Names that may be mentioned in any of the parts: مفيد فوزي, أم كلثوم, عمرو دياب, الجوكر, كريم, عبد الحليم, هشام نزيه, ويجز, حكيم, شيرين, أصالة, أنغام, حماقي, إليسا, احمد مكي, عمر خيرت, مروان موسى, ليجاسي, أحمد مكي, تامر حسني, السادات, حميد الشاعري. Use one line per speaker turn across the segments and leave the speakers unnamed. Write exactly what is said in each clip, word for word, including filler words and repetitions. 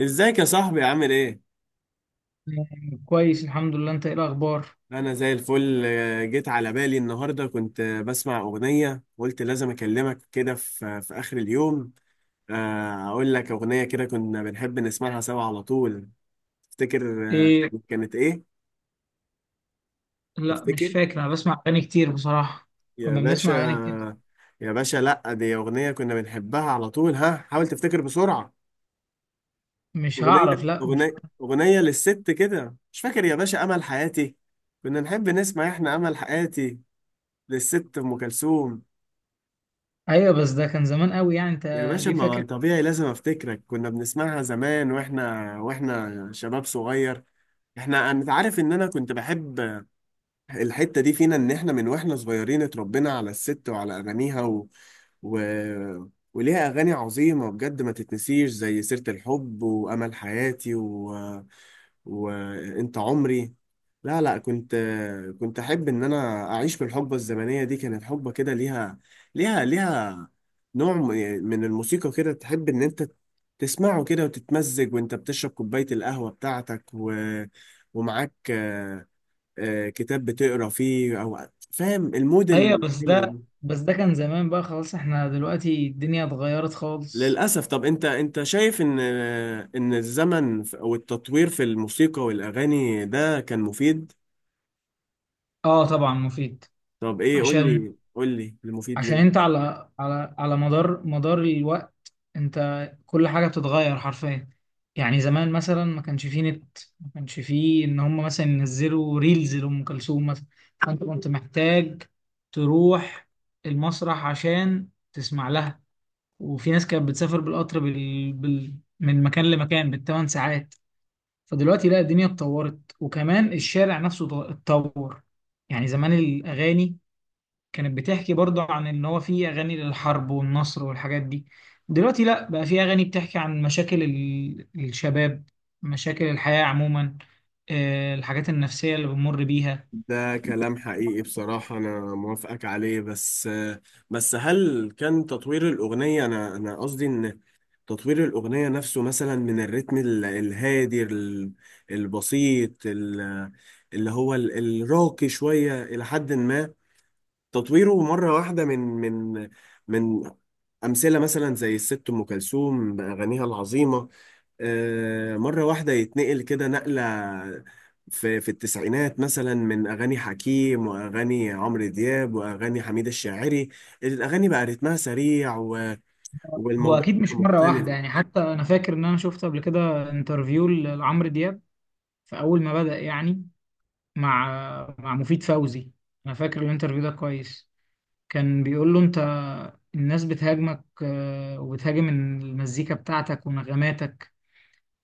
ازيك يا صاحبي عامل ايه؟
آه، كويس الحمد لله. انت ايه الاخبار؟
انا زي الفل، آه، جيت على بالي النهارده. كنت آه، بسمع اغنية قلت لازم اكلمك كده في في اخر اليوم. آه، اقول لك اغنية كده كنا بنحب نسمعها سوا على طول. تفتكر؟ آه،
ايه؟
كانت ايه؟
لا مش
تفتكر
فاكر، انا بسمع اغاني كتير بصراحة.
يا
كنا بنسمع اغاني كتير.
باشا. يا باشا، لا، دي اغنية كنا بنحبها على طول، ها حاول تفتكر بسرعة.
مش هعرف،
اغنية،
لا مش
اغنية،
هعرف.
اغنية للست كده، مش فاكر يا باشا؟ امل حياتي. كنا نحب نسمع احنا امل حياتي للست ام كلثوم.
ايوه بس ده كان زمان قوي يعني انت.
يا باشا
ليه
ما
فاكر؟
طبيعي لازم افتكرك، كنا بنسمعها زمان واحنا واحنا شباب صغير. احنا انت عارف ان انا كنت بحب الحتة دي فينا، إن إحنا من وإحنا صغيرين اتربينا على الست وعلى أغانيها و... و... وليها أغاني عظيمة بجد ما تتنسيش، زي سيرة الحب وأمل حياتي و... وأنت عمري. لا، لا، كنت كنت أحب إن أنا أعيش بالحقبة الزمنية دي. كانت حقبة كده ليها، ليها ليها نوع م- من الموسيقى كده، تحب إن أنت تسمعه كده وتتمزج، وأنت بتشرب كوباية القهوة بتاعتك و... ومعاك آه، كتاب بتقرا فيه، او فاهم المود
ايوه بس
الحلو
ده
ده؟
بس ده كان زمان بقى، خلاص احنا دلوقتي الدنيا اتغيرت خالص.
للاسف. طب انت، انت شايف ان، آه، ان الزمن ف- او التطوير في الموسيقى والاغاني ده كان مفيد؟
اه طبعا مفيد.
طب ايه، قول
عشان
لي، قول لي المفيد
عشان
ليه؟
انت على على على مدار مدار الوقت انت كل حاجة بتتغير حرفيا. يعني زمان مثلا ما كانش فيه نت، ما كانش فيه ان هم مثلا ينزلوا ريلز لأم كلثوم مثلا، فانت كنت محتاج تروح المسرح عشان تسمع لها. وفي ناس كانت بتسافر بالقطر بال... بال... من مكان لمكان بالثمان ساعات. فدلوقتي لا، الدنيا اتطورت وكمان الشارع نفسه اتطور. يعني زمان الأغاني كانت بتحكي برضه عن ان هو في اغاني للحرب والنصر والحاجات دي. دلوقتي لا، بقى في اغاني بتحكي عن مشاكل ال- الشباب، مشاكل الحياة عموما، آه، الحاجات النفسية اللي بنمر بيها.
ده كلام حقيقي بصراحة، أنا موافقك عليه، بس، بس هل كان تطوير الأغنية؟ أنا أنا قصدي إن تطوير الأغنية نفسه، مثلا من الريتم ال- الهادي، ال- البسيط، ال- اللي هو ال- الراقي شوية إلى حد ما، تطويره مرة واحدة، من من من أمثلة، مثلا زي الست أم كلثوم بأغانيها العظيمة، آه، مرة واحدة يتنقل كده نقلة في في التسعينات، مثلا من أغاني حكيم وأغاني عمرو دياب وأغاني حميد الشاعري، الأغاني بقى رتمها سريع، و-
هو
والموضوع
اكيد مش مرة
مختلف.
واحدة، يعني حتى انا فاكر ان انا شفت قبل كده انترفيو ل- لعمرو دياب في اول ما بدأ، يعني مع مع مفيد فوزي. انا فاكر الانترفيو ده كويس. كان بيقول له انت الناس بتهاجمك آه، وبتهاجم المزيكا بتاعتك ونغماتك،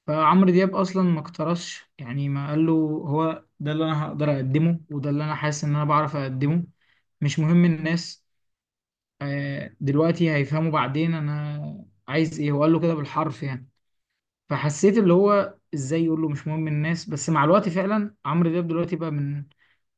فعمرو دياب اصلا ما اقترصش، يعني ما قال له هو ده اللي انا هقدر اقدمه وده اللي انا حاسس ان انا بعرف اقدمه، مش مهم الناس آه، دلوقتي، هيفهموا بعدين انا عايز ايه. هو قال له كده بالحرف يعني، فحسيت اللي هو ازاي يقول له مش مهم الناس، بس مع الوقت فعلا عمرو دياب دلوقتي بقى من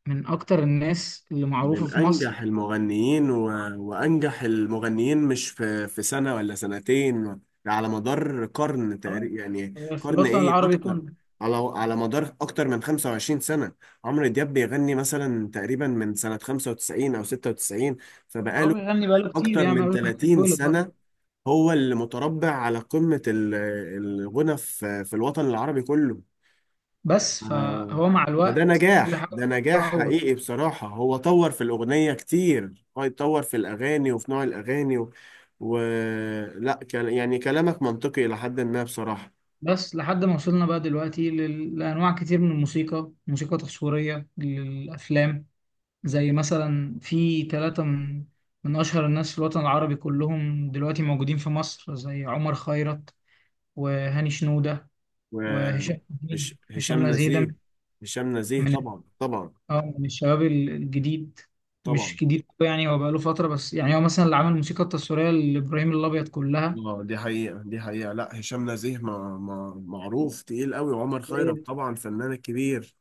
من اكتر الناس اللي معروفة
من
في مصر،
أنجح المغنيين و... وأنجح المغنيين، مش في في سنة ولا سنتين، على مدار قرن تقريبا، يعني
آه، في
قرن،
الوطن
إيه
العربي
أكتر،
كله.
على على مدار أكتر من 25 سنة. عمرو دياب بيغني مثلا تقريبا من سنة خمسة وتسعين أو ستة وتسعين،
هو
فبقاله
بيغني بقاله كتير
أكتر
يعني من
من
قبل ما
30
يتولد.
سنة. هو اللي متربع على قمة ال- الغنى في في الوطن العربي كله.
بس
آه.
فهو مع
فده
الوقت كل
نجاح،
حاجة
ده نجاح
بتتطور.
حقيقي بصراحة. هو طور في الأغنية كتير، هو يتطور في الأغاني وفي نوع الأغاني و... و... لا، كان يعني كلامك منطقي إلى حد ما بصراحة.
بس لحد ما وصلنا بقى دلوقتي لل- لأنواع كتير من الموسيقى، موسيقى تصويرية للأفلام زي مثلا في ثلاثة من من أشهر الناس في الوطن العربي كلهم دلوقتي موجودين في مصر، زي عمر خيرت وهاني شنودة
و...
وهشام
هش...
نزيه. هشام
هشام
نزيه ده
نزيه. هشام نزيه،
من
طبعا طبعا
اه من الشباب ال- الجديد. مش
طبعا.
جديد أوي يعني، هو بقاله فترة، بس يعني هو مثلا اللي عمل الموسيقى التصويرية لإبراهيم الأبيض كلها.
اه، دي حقيقة، دي حقيقة. لا، هشام نزيه ما... ما... معروف تقيل قوي، وعمر خيرت
أيوة.
طبعا فنان كبير.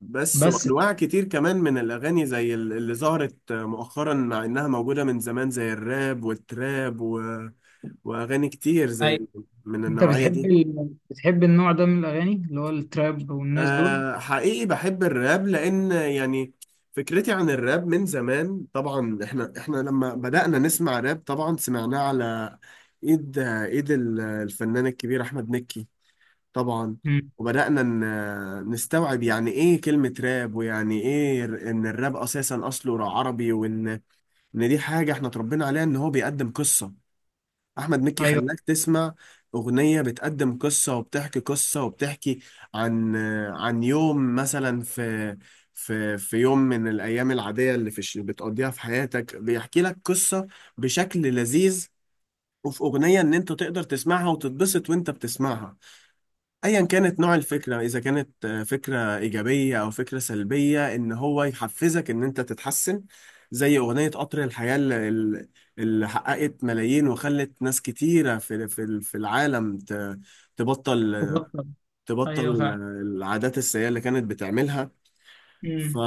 بس
بس
وانواع كتير كمان من الاغاني زي ال- اللي ظهرت مؤخرا، مع انها موجوده من زمان، زي الراب والتراب و... واغاني كتير زي ال- من
انت
النوعيه
بتحب
دي.
ال... بتحب النوع ده من الاغاني اللي هو التراب والناس دول؟
أه، حقيقي بحب الراب، لان يعني فكرتي عن الراب من زمان. طبعا احنا احنا لما بدأنا نسمع راب طبعا سمعناه على ايد ايد ال- الفنان الكبير احمد مكي طبعا.
امم.
وبدأنا ن- نستوعب يعني ايه كلمة راب، ويعني ايه، ر- ان الراب اساسا اصله عربي، وان، ان دي حاجة احنا اتربينا عليها، ان هو بيقدم قصة. احمد مكي
ايوه،
خلاك تسمع اغنية بتقدم قصة، وبتحكي قصة، وبتحكي عن، عن يوم مثلا في في في يوم من الايام العادية اللي في الش- بتقضيها في حياتك، بيحكي لك قصة بشكل لذيذ. وفي اغنية ان انت تقدر تسمعها وتتبسط وانت بتسمعها، ايا كانت نوع الفكره، اذا كانت آه، فكره ايجابيه او فكره سلبيه، ان هو يحفزك ان انت تتحسن. زي اغنيه قطر الحياه اللي, اللي اللي حققت ملايين وخلت ناس كتيره في في في العالم ت- تبطل،
تبطل. ايوه
تبطل آه،
فعلا.
العادات السيئه اللي كانت بتعملها. ف
امم.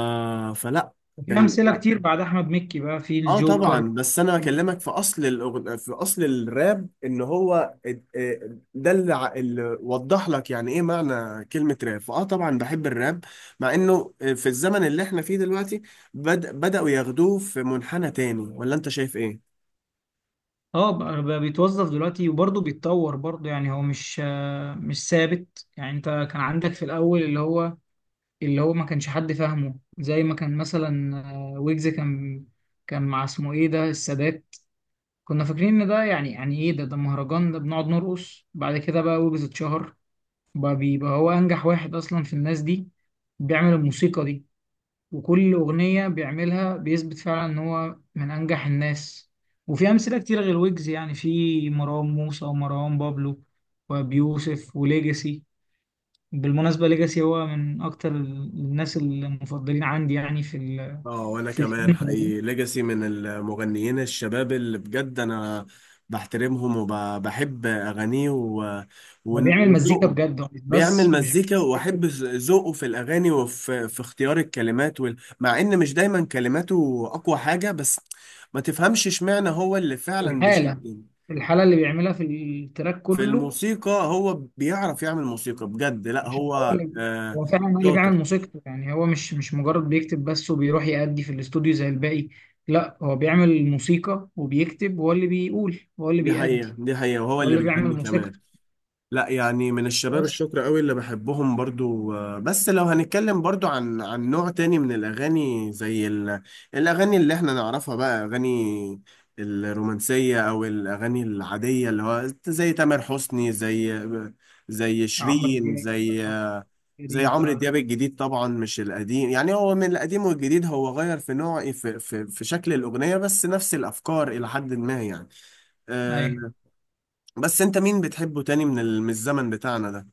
فلا
وفي
كان.
امثله كتير بعد احمد مكي بقى، في
اه طبعا،
الجوكر.
بس انا بكلمك في اصل الأغ... في اصل الراب، ان هو، اد- اه ده اللي, ع- اللي وضح لك يعني ايه معنى كلمة راب. فاه طبعا بحب الراب، مع انه في الزمن اللي احنا فيه دلوقتي بد... بدأوا ياخدوه في منحنى تاني، ولا انت شايف ايه؟
اه، بقى بقى بيتوظف دلوقتي وبرضه بيتطور برضه، يعني هو مش آه، مش ثابت. يعني انت كان عندك في الاول اللي هو اللي هو ما كانش حد فاهمه، زي ما كان مثلا آه، ويجز، كان كان مع اسمه ايه ده، السادات. كنا فاكرين ان ده يعني يعني ايه ده ده مهرجان ده بنقعد نرقص. بعد كده بقى ويجز اتشهر، بقى بيبقى هو أنجح واحد أصلا في الناس دي بيعمل الموسيقى دي، وكل أغنية بيعملها بيثبت فعلا إن هو من أنجح الناس. وفي أمثلة كتير غير ويجز، يعني في مروان موسى ومروان بابلو وبيوسف وليجاسي. بالمناسبة ليجاسي هو من أكتر الناس المفضلين عندي، يعني في ال
اه، وانا
في
كمان
الجنة دي.
حقيقي، ليجاسي من المغنيين الشباب اللي بجد انا بحترمهم وبحب اغانيه و-
هو
ون-
بيعمل مزيكا
وذوقه.
بجد، هو مش
بيعمل
بس مش
مزيكا،
بس بيكتب،
واحب ذوقه في الاغاني وفي في اختيار الكلمات وال... مع ان مش دايما كلماته اقوى حاجة، بس ما تفهمش اشمعنى هو اللي فعلا بيشيل
الحالة الحالة اللي بيعملها في التراك
في
كله،
الموسيقى. هو بيعرف يعمل موسيقى بجد، لا
عشان هو
هو
اللي
آه،
هو فعلا هو اللي بيعمل
شاطر.
موسيقته. يعني هو مش مش مجرد بيكتب بس وبيروح يأدي في الاستوديو زي الباقي، لا، هو بيعمل موسيقى وبيكتب، هو اللي بيقول هو اللي
دي حقيقة،
بيأدي،
دي حقيقة، وهو
هو
اللي
اللي بيعمل
بيغني كمان.
موسيقته.
لا يعني من الشباب
بس
الشكر قوي اللي بحبهم برضو، آه، بس لو هنتكلم برضو عن، عن نوع تاني من الأغاني، زي ال... الأغاني اللي احنا نعرفها بقى، أغاني الرومانسية أو الأغاني العادية، اللي هو زي تامر حسني، زي، زي
عمرو
شيرين،
دياب
زي،
أو
زي
كريم
عمرو
فعلا.
دياب الجديد طبعا، مش القديم. يعني هو من القديم والجديد، هو غير في نوع، في في, في شكل الأغنية، بس نفس الأفكار إلى حد ما يعني.
أيوة.
آه، بس أنت مين بتحبه تاني من ال- من الزمن بتاعنا ده؟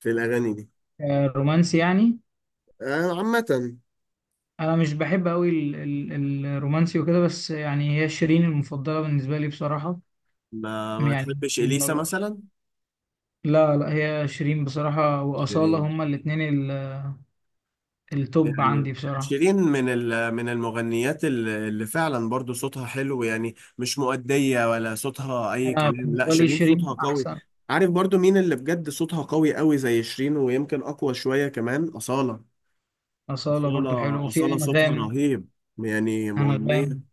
في الأغاني دي.
آه، رومانسي يعني؟
آه، عامة.
أنا مش بحب أوي ال- ال- الرومانسي وكده، بس يعني هي شيرين المفضلة بالنسبة لي بصراحة،
ما ما
يعني
تحبش إليسا
لما-
مثلا؟
لا لا، هي شيرين بصراحة وأصالة،
شيرين.
هما الاتنين ال- التوب
يعني
عندي بصراحة.
شيرين من ال- من المغنيات ال- اللي فعلا برضو صوتها حلو، يعني مش مؤدية ولا صوتها أي
انا
كلام، لا
بالنسبه لي
شيرين صوتها
شيرين
قوي.
احسن.
عارف برضو مين اللي بجد صوتها قوي قوي زي شيرين، ويمكن أقوى شوية كمان؟ أصالة.
اصاله برضو حلوه،
أصالة،
وفي
أصالة صوتها
انغام.
رهيب، يعني مغنية،
انغام.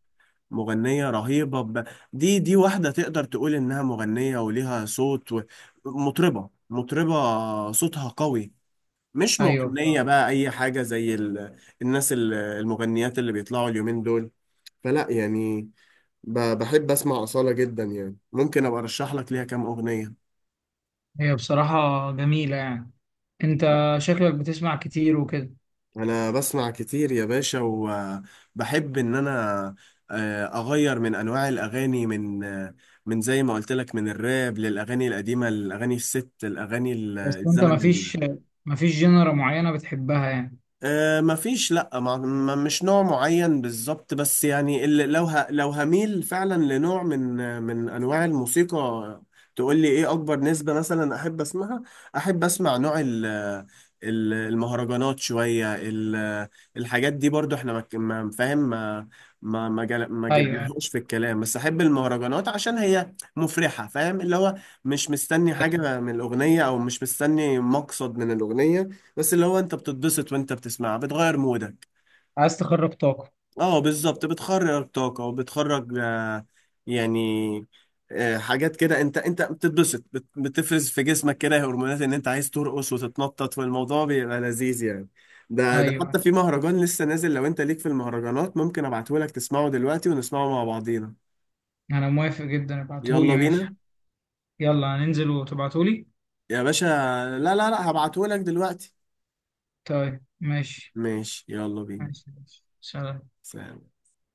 مغنية رهيبة، ب... دي دي واحدة تقدر تقول إنها مغنية وليها صوت و... مطربة، مطربة صوتها قوي، مش
ايوه
مغنية
بصراحه.
بقى أي حاجة زي ال... الناس، ال- المغنيات اللي بيطلعوا اليومين دول. فلا يعني، ب... بحب أسمع أصالة جدا، يعني ممكن أبقى أرشح لك ليها كام أغنية.
هي بصراحه جميله يعني. انت شكلك بتسمع كتير وكده.
انا بسمع كتير يا باشا، وبحب ان انا آه، اغير من انواع الاغاني، من آه، من زي ما قلت لك، من الراب للاغاني القديمه، الاغاني الست، الاغاني ال-
بس انت
الزمن.
مفيش مفيش جنرا معينه بتحبها يعني؟
آه، مفيش، لا، ما ما- مش نوع معين بالظبط، بس يعني اللي، لو ه لو هميل فعلا لنوع من من انواع الموسيقى، تقول لي ايه اكبر نسبة مثلا احب اسمعها؟ احب اسمع نوع ال ال- المهرجانات شوية، ال- الحاجات دي برضو، احنا ما ك- ما- فاهم، ما ما ما جل- ما
ايوه،
جبناهوش في الكلام، بس احب المهرجانات عشان هي مفرحة. فاهم اللي هو، مش مستني حاجة من الأغنية، او مش مستني مقصد من الأغنية، بس اللي هو انت بتتبسط وانت بتسمعها، بتغير مودك.
عايز تخرج طاقه.
اه بالظبط، بتخرج طاقة، وبتخرج آه، يعني، آه، حاجات كده، انت انت بتتبسط، بت- بتفرز في جسمك كده هرمونات ان انت عايز ترقص وتتنطط، والموضوع بيبقى لذيذ يعني. ده، ده حتى
ايوه،
في مهرجان لسه نازل، لو انت ليك في المهرجانات ممكن ابعتهولك تسمعه دلوقتي ونسمعه مع بعضينا.
انا موافق جدا، ابعتهولي
يلا
ماشي.
بينا
يلا هننزل وتبعتهولي.
يا باشا. لا، لا، لا، هبعتهولك دلوقتي.
طيب ماشي.
ماشي، يلا بينا.
ماشي ماشي. سلام.
سلام.